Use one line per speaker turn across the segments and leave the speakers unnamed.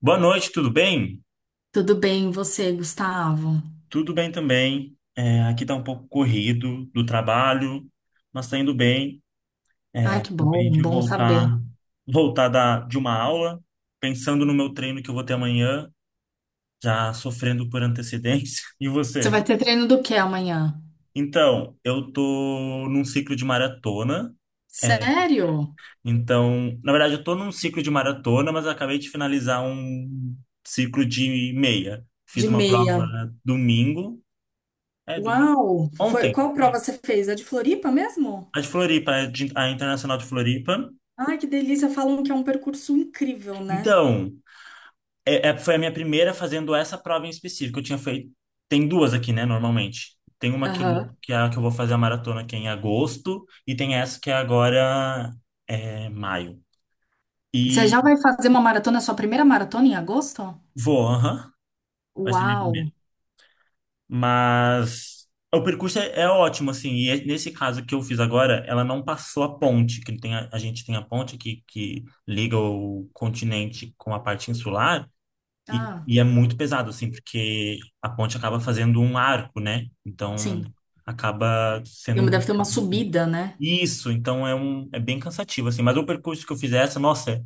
Boa noite, tudo bem?
Tudo bem, e você, Gustavo?
Tudo bem também. Aqui tá um pouco corrido do trabalho, mas tá indo bem.
Ai, que
Acabei
bom,
de
bom saber.
voltar, de uma aula, pensando no meu treino que eu vou ter amanhã, já sofrendo por antecedência. E
Você
você?
vai ter treino do que amanhã?
Eu tô num ciclo de maratona. É,
Sério?
na verdade, eu tô num ciclo de maratona, mas eu acabei de finalizar um ciclo de meia. Fiz
De
uma
meia.
prova domingo. É, domingo.
Uau!
Ontem.
Qual prova você fez? A de Floripa mesmo?
A de Floripa, a Internacional de Floripa.
Ai, que delícia! Falam que é um percurso incrível, né?
Então, foi a minha primeira fazendo essa prova em específico. Eu tinha feito. Tem duas aqui, né, normalmente. Tem uma que,
Aham.
que é a que eu vou fazer a maratona, que é em agosto, e tem essa que é agora é, maio.
Você
E
já vai fazer uma maratona, sua primeira maratona em agosto?
vou, aham, vai ser minha
Uau!
primeira. Mas o percurso é ótimo, assim. Nesse caso que eu fiz agora, ela não passou a ponte, que ele tem a gente tem a ponte aqui que liga o continente com a parte insular.
Ah,
E é muito pesado, assim, porque a ponte acaba fazendo um arco, né? Então,
sim.
acaba sendo um
Deve ter uma
percurso.
subida, né?
Isso, é bem cansativo, assim. Mas o percurso que eu fiz essa, nossa,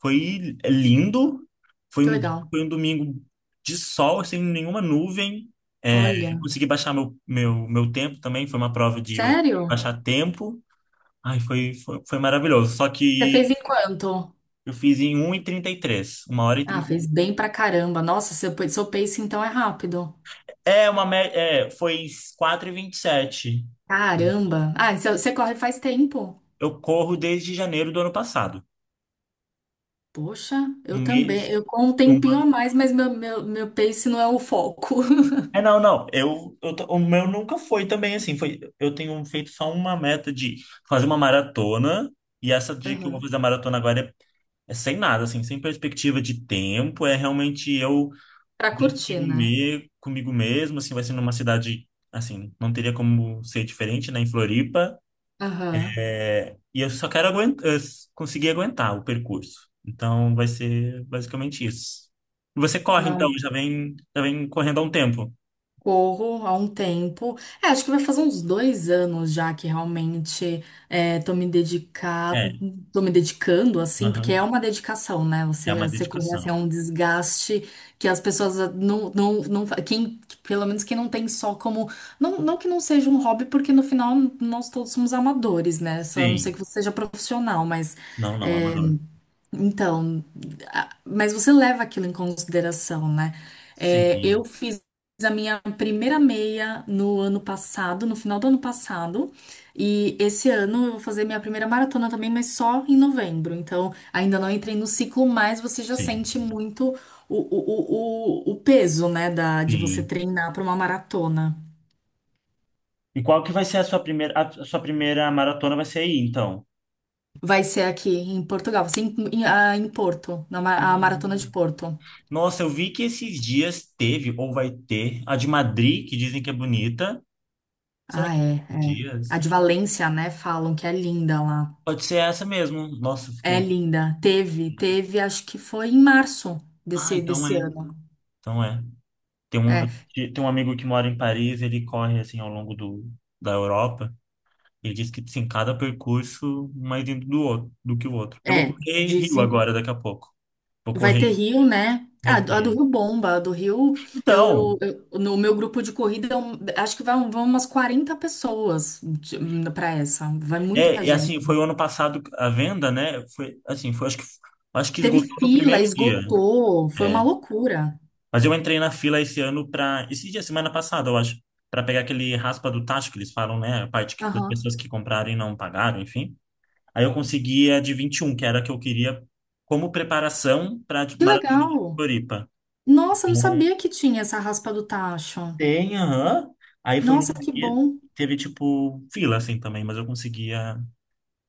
foi lindo. Foi
Que
um,
legal.
foi um domingo de sol, sem nenhuma nuvem. Eu
Olha.
consegui baixar meu tempo também. Foi uma prova de
Sério?
baixar tempo. Ai, foi maravilhoso. Só
Você
que
fez em quanto?
eu fiz em 1h33, uma hora e
Ah,
trinta
fez bem pra caramba. Nossa, seu pace então é rápido.
É uma mé- é, foi 4:27.
Caramba. Ah, você corre faz tempo.
Eu corro desde janeiro do ano passado.
Poxa, eu
Um
também.
mês,
Eu com um
um
tempinho
ano.
a mais, mas meu pace não é o foco.
Não. O meu nunca foi também assim. Foi, eu tenho feito só uma meta de fazer uma maratona. E essa de que eu vou
Aham.
fazer a maratona agora é sem nada, assim, sem perspectiva de tempo. É realmente eu
Pra
bem
curtir,
comigo,
né?
comigo mesmo, assim, vai ser numa cidade, assim, não teria como ser diferente, né, em Floripa.
Aham.
É, e eu só quero aguentar, conseguir aguentar o percurso. Então vai ser basicamente isso. E você corre, então,
Não,
já vem correndo há um tempo.
corro há um tempo. É, acho que vai fazer uns 2 anos já que realmente é, tô me dedicado,
É,
tô me dedicando, assim, porque é
aham.
uma dedicação, né?
É uma
Você correr assim, é
dedicação.
um desgaste que as pessoas não, não, não, quem, pelo menos quem não tem só como, não, não que não seja um hobby, porque no final nós todos somos amadores, né? Só a não sei que
Sim.
você seja profissional, mas
Não, não, amador.
então, mas você leva aquilo em consideração, né? É, eu
Sim,
fiz a minha primeira meia no ano passado, no final do ano passado, e esse ano eu vou fazer minha primeira maratona também, mas só em novembro. Então, ainda não entrei no ciclo, mas você já
sim,
sente muito o peso, né, de você
sim.
treinar para uma maratona.
E qual que vai ser a sua primeira maratona vai ser aí, então?
Vai ser aqui em Portugal, vai ser em Porto, a maratona
Hum.
de Porto.
Nossa, eu vi que esses dias teve, ou vai ter, a de Madrid, que dizem que é bonita. Será
Ah,
que é
é, é. A
dias?
de Valência, né? Falam que é linda lá.
Pode ser essa mesmo. Nossa,
É
fiquei.
linda. Teve, acho que foi em março
Ah,
desse,
então
desse
é.
ano.
Então é. Tem um,
É,
tem um amigo que mora em Paris, ele corre assim ao longo da Europa. Ele diz que sim, cada percurso mais dentro do outro, do que o outro. Eu vou
é,
correr Rio
dizem.
agora, daqui a pouco. Vou
Vai
correr,
ter Rio, né? Ah, a
vai
do
ter.
Rio bomba. A do Rio,
Então,
no meu grupo de corrida, acho que vão umas 40 pessoas para essa. Vai muita
é, é
gente.
assim, foi o ano passado a venda, né? Foi assim, foi acho que
Teve
esgotou no
fila,
primeiro dia.
esgotou, foi uma
É.
loucura.
Mas eu entrei na fila esse ano para esse dia, semana passada, eu acho, para pegar aquele raspa do tacho que eles falam, né? A parte que, das
Aham.
pessoas que compraram e não pagaram, enfim. Aí eu consegui a de 21 que era a que eu queria como preparação para a
Que
Maratona de
legal.
Floripa.
Nossa, eu não
Então,
sabia que tinha essa raspa do tacho.
tem, aham. Aí foi
Nossa,
num
que
dia,
bom.
teve tipo fila assim também, mas eu consegui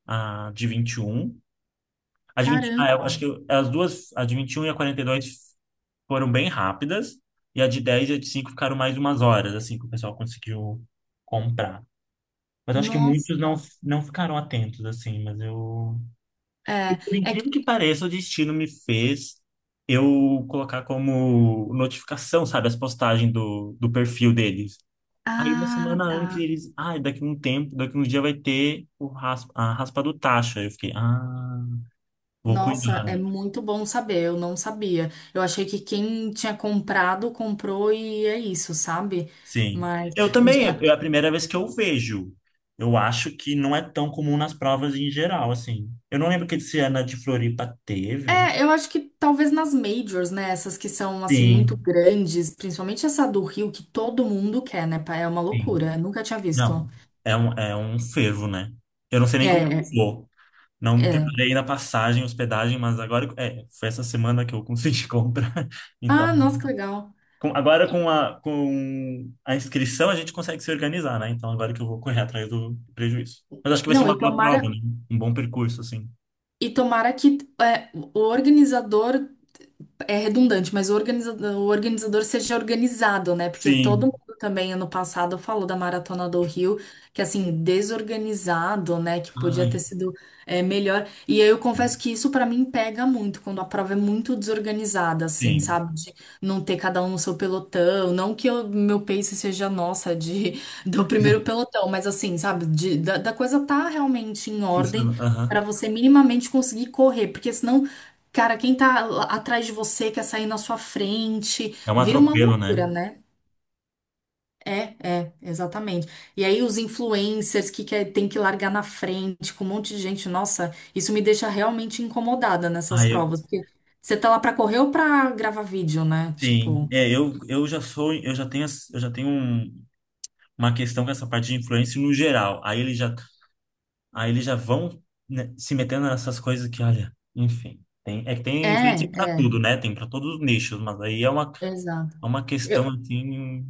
a de 21. A de 20 ah, eu
Caramba.
acho que as duas, a de 21 e a 42 foram bem rápidas, e a de 10 e a de 5 ficaram mais umas horas, assim, que o pessoal conseguiu comprar. Mas eu acho que muitos não,
Nossa.
não ficaram atentos, assim, mas eu... E
É,
por
é que...
incrível que pareça, o destino me fez eu colocar como notificação, sabe, as postagens do perfil deles. Aí uma
Ah,
semana
tá.
antes eles, ah, daqui um tempo, daqui um dia vai ter o raspa, a raspa do tacho. Aí eu fiquei, ah, vou
Nossa,
cuidar.
é muito bom saber. Eu não sabia. Eu achei que quem tinha comprado, comprou e é isso, sabe?
Sim.
Mas.
Eu
de-
também, é a
a-
primeira vez que eu vejo. Eu acho que não é tão comum nas provas em geral, assim. Eu não lembro que esse ano a de Floripa teve.
É, eu acho que talvez nas majors, né? Essas que são, assim, muito
Sim,
grandes, principalmente essa do Rio, que todo mundo quer, né? Pá? É uma
sim.
loucura. Eu nunca tinha visto.
Não, é um fervo, né? Eu não sei
É,
nem como que eu
é.
vou. Não
É.
preparei na passagem, hospedagem, mas agora é, foi essa semana que eu consegui comprar. Então,
Ah, nossa, que legal. E-
com a inscrição a gente consegue se organizar, né? Então agora que eu vou correr atrás do prejuízo. Mas acho que vai ser
Não,
uma
e
boa prova,
tomara.
né? Um bom percurso, assim.
E tomara que é, o organizador é redundante, mas o organizador seja organizado, né? Porque todo
Sim.
mundo também ano passado falou da Maratona do Rio, que assim, desorganizado, né? Que podia ter
Ai,
sido melhor. E eu confesso que isso pra mim pega muito, quando a prova é muito desorganizada, assim,
sim.
sabe? De não ter cada um no seu pelotão. Não que o meu pace seja nossa, de, do primeiro pelotão, mas assim, sabe? Da coisa tá realmente em ordem.
Funciona.
Pra
Aham.
você minimamente conseguir correr, porque senão, cara, quem tá lá atrás de você quer sair na sua frente,
É um
vira uma
atropelo, né?
loucura, né? É, é, exatamente. E aí os influencers que quer, tem que largar na frente com um monte de gente, nossa, isso me deixa realmente incomodada
Ah,
nessas
eu,
provas, porque você tá lá pra correr ou pra gravar vídeo, né?
sim.
Tipo,
É, eu já sou, eu já tenho, as- eu já tenho uma questão com essa parte de influência no geral. Aí ele já... Aí eles já vão, né, se metendo nessas coisas que, olha, enfim. Tem, é que tem
é,
influencer pra
é,
tudo, né? Tem pra todos os nichos, mas aí
exato.
é uma questão, assim,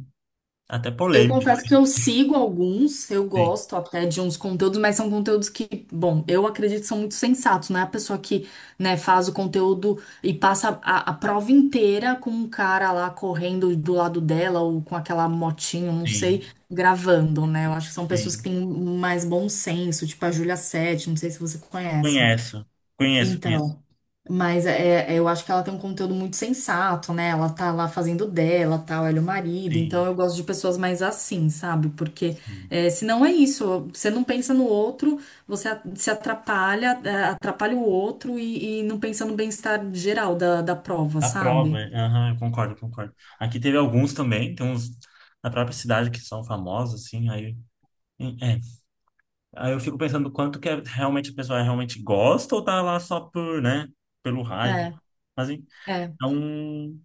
até
Eu
polêmica.
confesso que eu sigo alguns, eu
Tem,
gosto até de uns conteúdos, mas são conteúdos que, bom, eu acredito que são muito sensatos, não é a pessoa que, né, faz o conteúdo e passa a prova inteira com um cara lá correndo do lado dela ou com aquela motinho, não
tem,
sei, gravando, né? Eu acho que são pessoas que
tem.
têm mais bom senso, tipo a Júlia Sete, não sei se você conhece.
Conheço, conheço.
Então, mas eu acho que ela tem um conteúdo muito sensato, né? Ela tá lá fazendo dela, tal, ela é o marido. Então
Sim,
eu gosto de pessoas mais assim, sabe? Porque
sim.
senão é isso, você não pensa no outro, você se atrapalha, atrapalha o outro e não pensa no bem-estar geral da prova,
A
sabe?
prova, é, aham, concordo. Aqui teve alguns também, tem uns na própria cidade que são famosos, assim, aí. É, aí eu fico pensando quanto que é, realmente a pessoa realmente gosta ou tá lá só por, né, pelo hype.
É,
Mas...
é.
Então,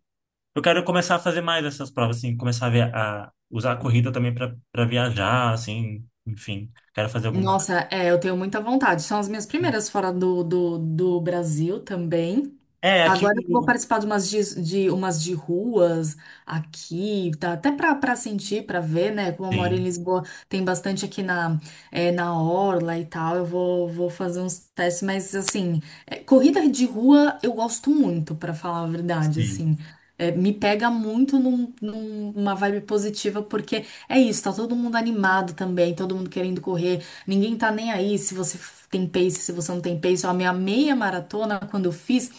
eu quero começar a fazer mais essas provas, assim, a usar a corrida também para viajar, assim, enfim, quero fazer alguma.
Nossa, eu tenho muita vontade. São as minhas primeiras fora do Brasil também.
É, aqui.
Agora que eu vou participar de umas de ruas aqui, tá? Até para sentir, para ver, né? Como eu moro em
Sim,
Lisboa, tem bastante aqui na Orla e tal. Eu vou fazer uns testes, mas assim, corrida de rua eu gosto muito, para falar a verdade,
sim,
assim. Me pega muito numa vibe positiva, porque é isso, tá todo mundo animado também, todo mundo querendo correr, ninguém tá nem aí se você tem pace, se você não tem pace. Ó, a minha meia maratona, quando eu fiz.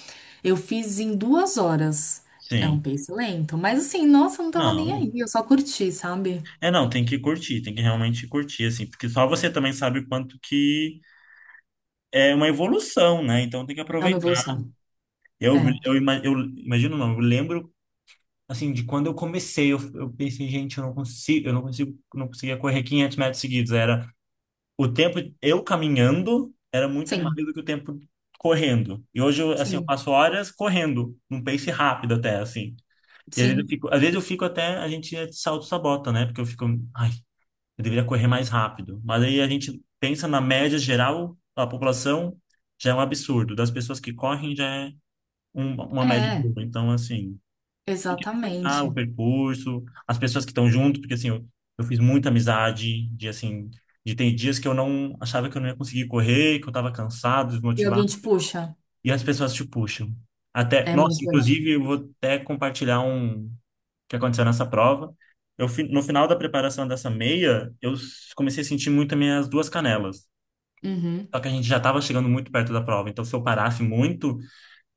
Eu fiz em 2 horas. É um
sim.
pace lento, mas assim, nossa, eu não tava nem
Não.
aí, eu só curti, sabe?
É, não, tem que curtir, tem que realmente curtir, assim, porque só você também sabe o quanto que é uma evolução, né? Então tem que
É uma
aproveitar.
evolução. É,
Eu imagino, não, eu lembro, assim, de quando eu comecei, eu pensei, gente, eu não consigo, não conseguia correr 500 metros seguidos, era o tempo eu caminhando era muito mais
sim,
do que o tempo correndo. E hoje, eu, assim, eu
sim,
passo horas correndo, num pace rápido até, assim. E às vezes eu
sim,
fico, a gente auto-sabota, né? Porque eu fico, ai, eu deveria correr mais rápido. Mas aí a gente pensa na média geral, da população já é um absurdo. Das pessoas que correm já é uma média
é,
boa. Então, assim, tem que aproveitar o
exatamente.
percurso, as pessoas que estão junto, porque assim, eu fiz muita amizade, de assim, de tem dias que eu não achava que eu não ia conseguir correr, que eu tava cansado,
E alguém
desmotivado,
te puxa,
e as pessoas te puxam. Até,
é
nossa,
muito legal.
inclusive eu vou até compartilhar um que aconteceu nessa prova. No final da preparação dessa meia, comecei a sentir muito as minhas duas canelas.
Uhum.
Só que a gente já estava chegando muito perto da prova, então se eu parasse muito,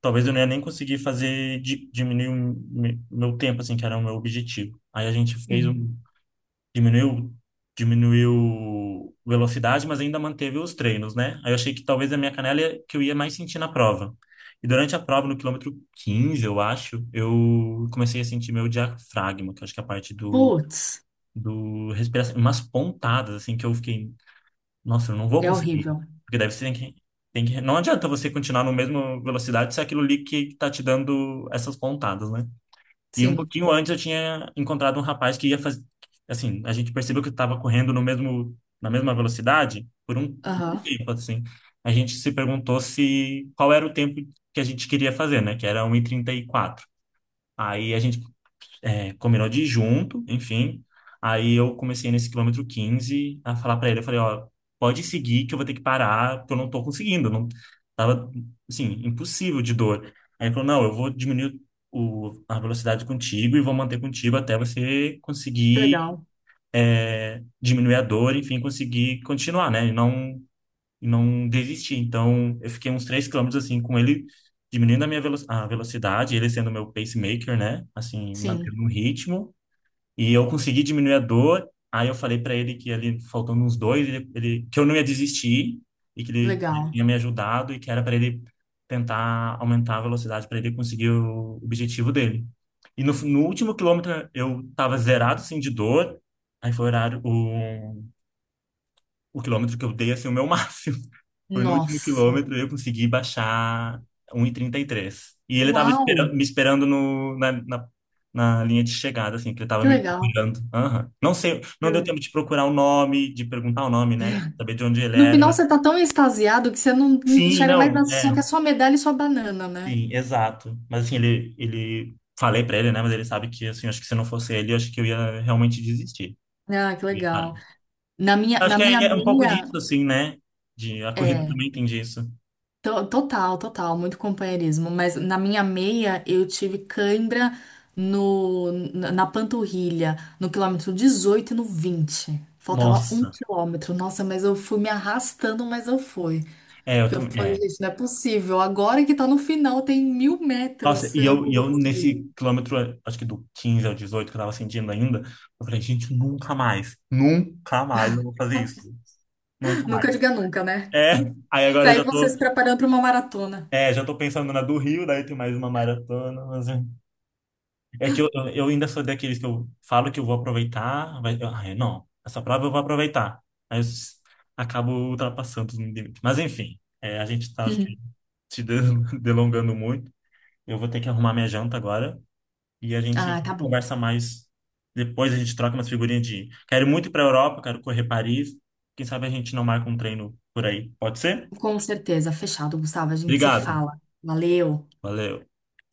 talvez eu não ia nem conseguir fazer diminuir meu tempo, assim, que era o meu objetivo. Aí a gente fez
Uhum.
um, diminuiu, diminuiu velocidade, mas ainda manteve os treinos, né? Aí eu achei que talvez a minha canela ia, que eu ia mais sentir na prova. E durante a prova, no quilômetro 15 eu acho, eu comecei a sentir meu diafragma, que eu acho que é a parte
Putz,
do respiração, umas pontadas, assim, que eu fiquei, nossa, eu não vou
é
conseguir.
horrível.
Porque deve ser que, tem que. Não adianta você continuar na mesma velocidade se é aquilo ali que tá te dando essas pontadas, né? E um
Sim,
pouquinho antes eu tinha encontrado um rapaz que ia fazer. Assim, a gente percebeu que estava correndo no mesmo, na mesma velocidade por um
aham,
tempo, assim. A gente se perguntou se qual era o tempo que a gente queria fazer, né? Que era 1h34. Aí a gente é, combinou de ir junto, enfim. Aí eu comecei nesse quilômetro 15 a falar pra ele, eu falei, ó, pode seguir que eu vou ter que parar, porque eu não tô conseguindo, não tava assim, impossível de dor. Aí ele falou, não, eu vou diminuir a velocidade contigo e vou manter contigo até você
que legal,
conseguir é, diminuir a dor, enfim, conseguir continuar, né? E não desistir. Então, eu fiquei uns 3 quilômetros assim com ele diminuindo a velocidade, ele sendo meu pacemaker, né? Assim,
sim,
mantendo um ritmo e eu consegui diminuir a dor. Aí eu falei para ele que ali faltando uns dois, que eu não ia desistir e que ele
legal.
tinha me ajudado e que era para ele tentar aumentar a velocidade para ele conseguir o objetivo dele. E no último quilômetro eu tava zerado assim de dor. Aí foi o horário o quilômetro que eu dei assim o meu máximo. Foi no último
Nossa,
quilômetro eu consegui baixar 1,33. E trinta e três. E ele tava
uau,
me esperando no, na, na, na linha de chegada, assim, que ele tava
que
me
legal,
procurando. Aham. Não sei,
que
não deu tempo
legal.
de procurar o nome, de perguntar o nome, né? Saber de onde ele
No
era,
final
mas...
você tá tão extasiado que você não não
Sim,
enxerga mais
não,
nada, você só
é,
quer sua medalha e sua banana, né?
sim, exato. Mas assim, ele... Falei pra ele, né? Mas ele sabe que, assim, acho que se não fosse ele, acho que eu ia realmente desistir.
Ah, que
Eu ia parar.
legal. Na minha,
Acho
na
que
minha
é, é um pouco
meia,
disso, assim, né? De, a corrida
é,
também tem disso.
total, total, muito companheirismo, mas na minha meia eu tive cãibra na panturrilha, no quilômetro 18 e no 20. Faltava um
Nossa.
quilômetro. Nossa, mas eu fui me arrastando, mas eu fui.
É, eu
Porque eu falei,
também.
gente, não é possível. Agora que tá no final, tem mil
Nossa,
metros. Eu não
e
vou
eu
conseguir.
nesse quilômetro, acho que do 15 ao 18, que eu tava sentindo ainda, eu falei, gente, nunca mais eu vou fazer isso. Nunca mais.
Nunca diga nunca, né?
É, aí agora
Tá
eu
aí
já tô,
você se preparando pra uma maratona.
é, já tô pensando na do Rio, daí tem mais uma maratona. É que eu ainda sou daqueles que eu falo que eu vou aproveitar, mas eu, ai, não, essa prova eu vou aproveitar. Aí eu s- acabo ultrapassando os limites. Mas enfim, é, a gente tá, acho que, se de- delongando muito. Eu vou ter que arrumar minha janta agora. E a gente
Ah, tá bom.
conversa mais depois, a gente troca umas figurinhas de quero muito ir para a Europa, quero correr Paris. Quem sabe a gente não marca um treino por aí. Pode ser?
Com certeza, fechado, Gustavo. A gente se
Obrigado.
fala. Valeu.
Valeu.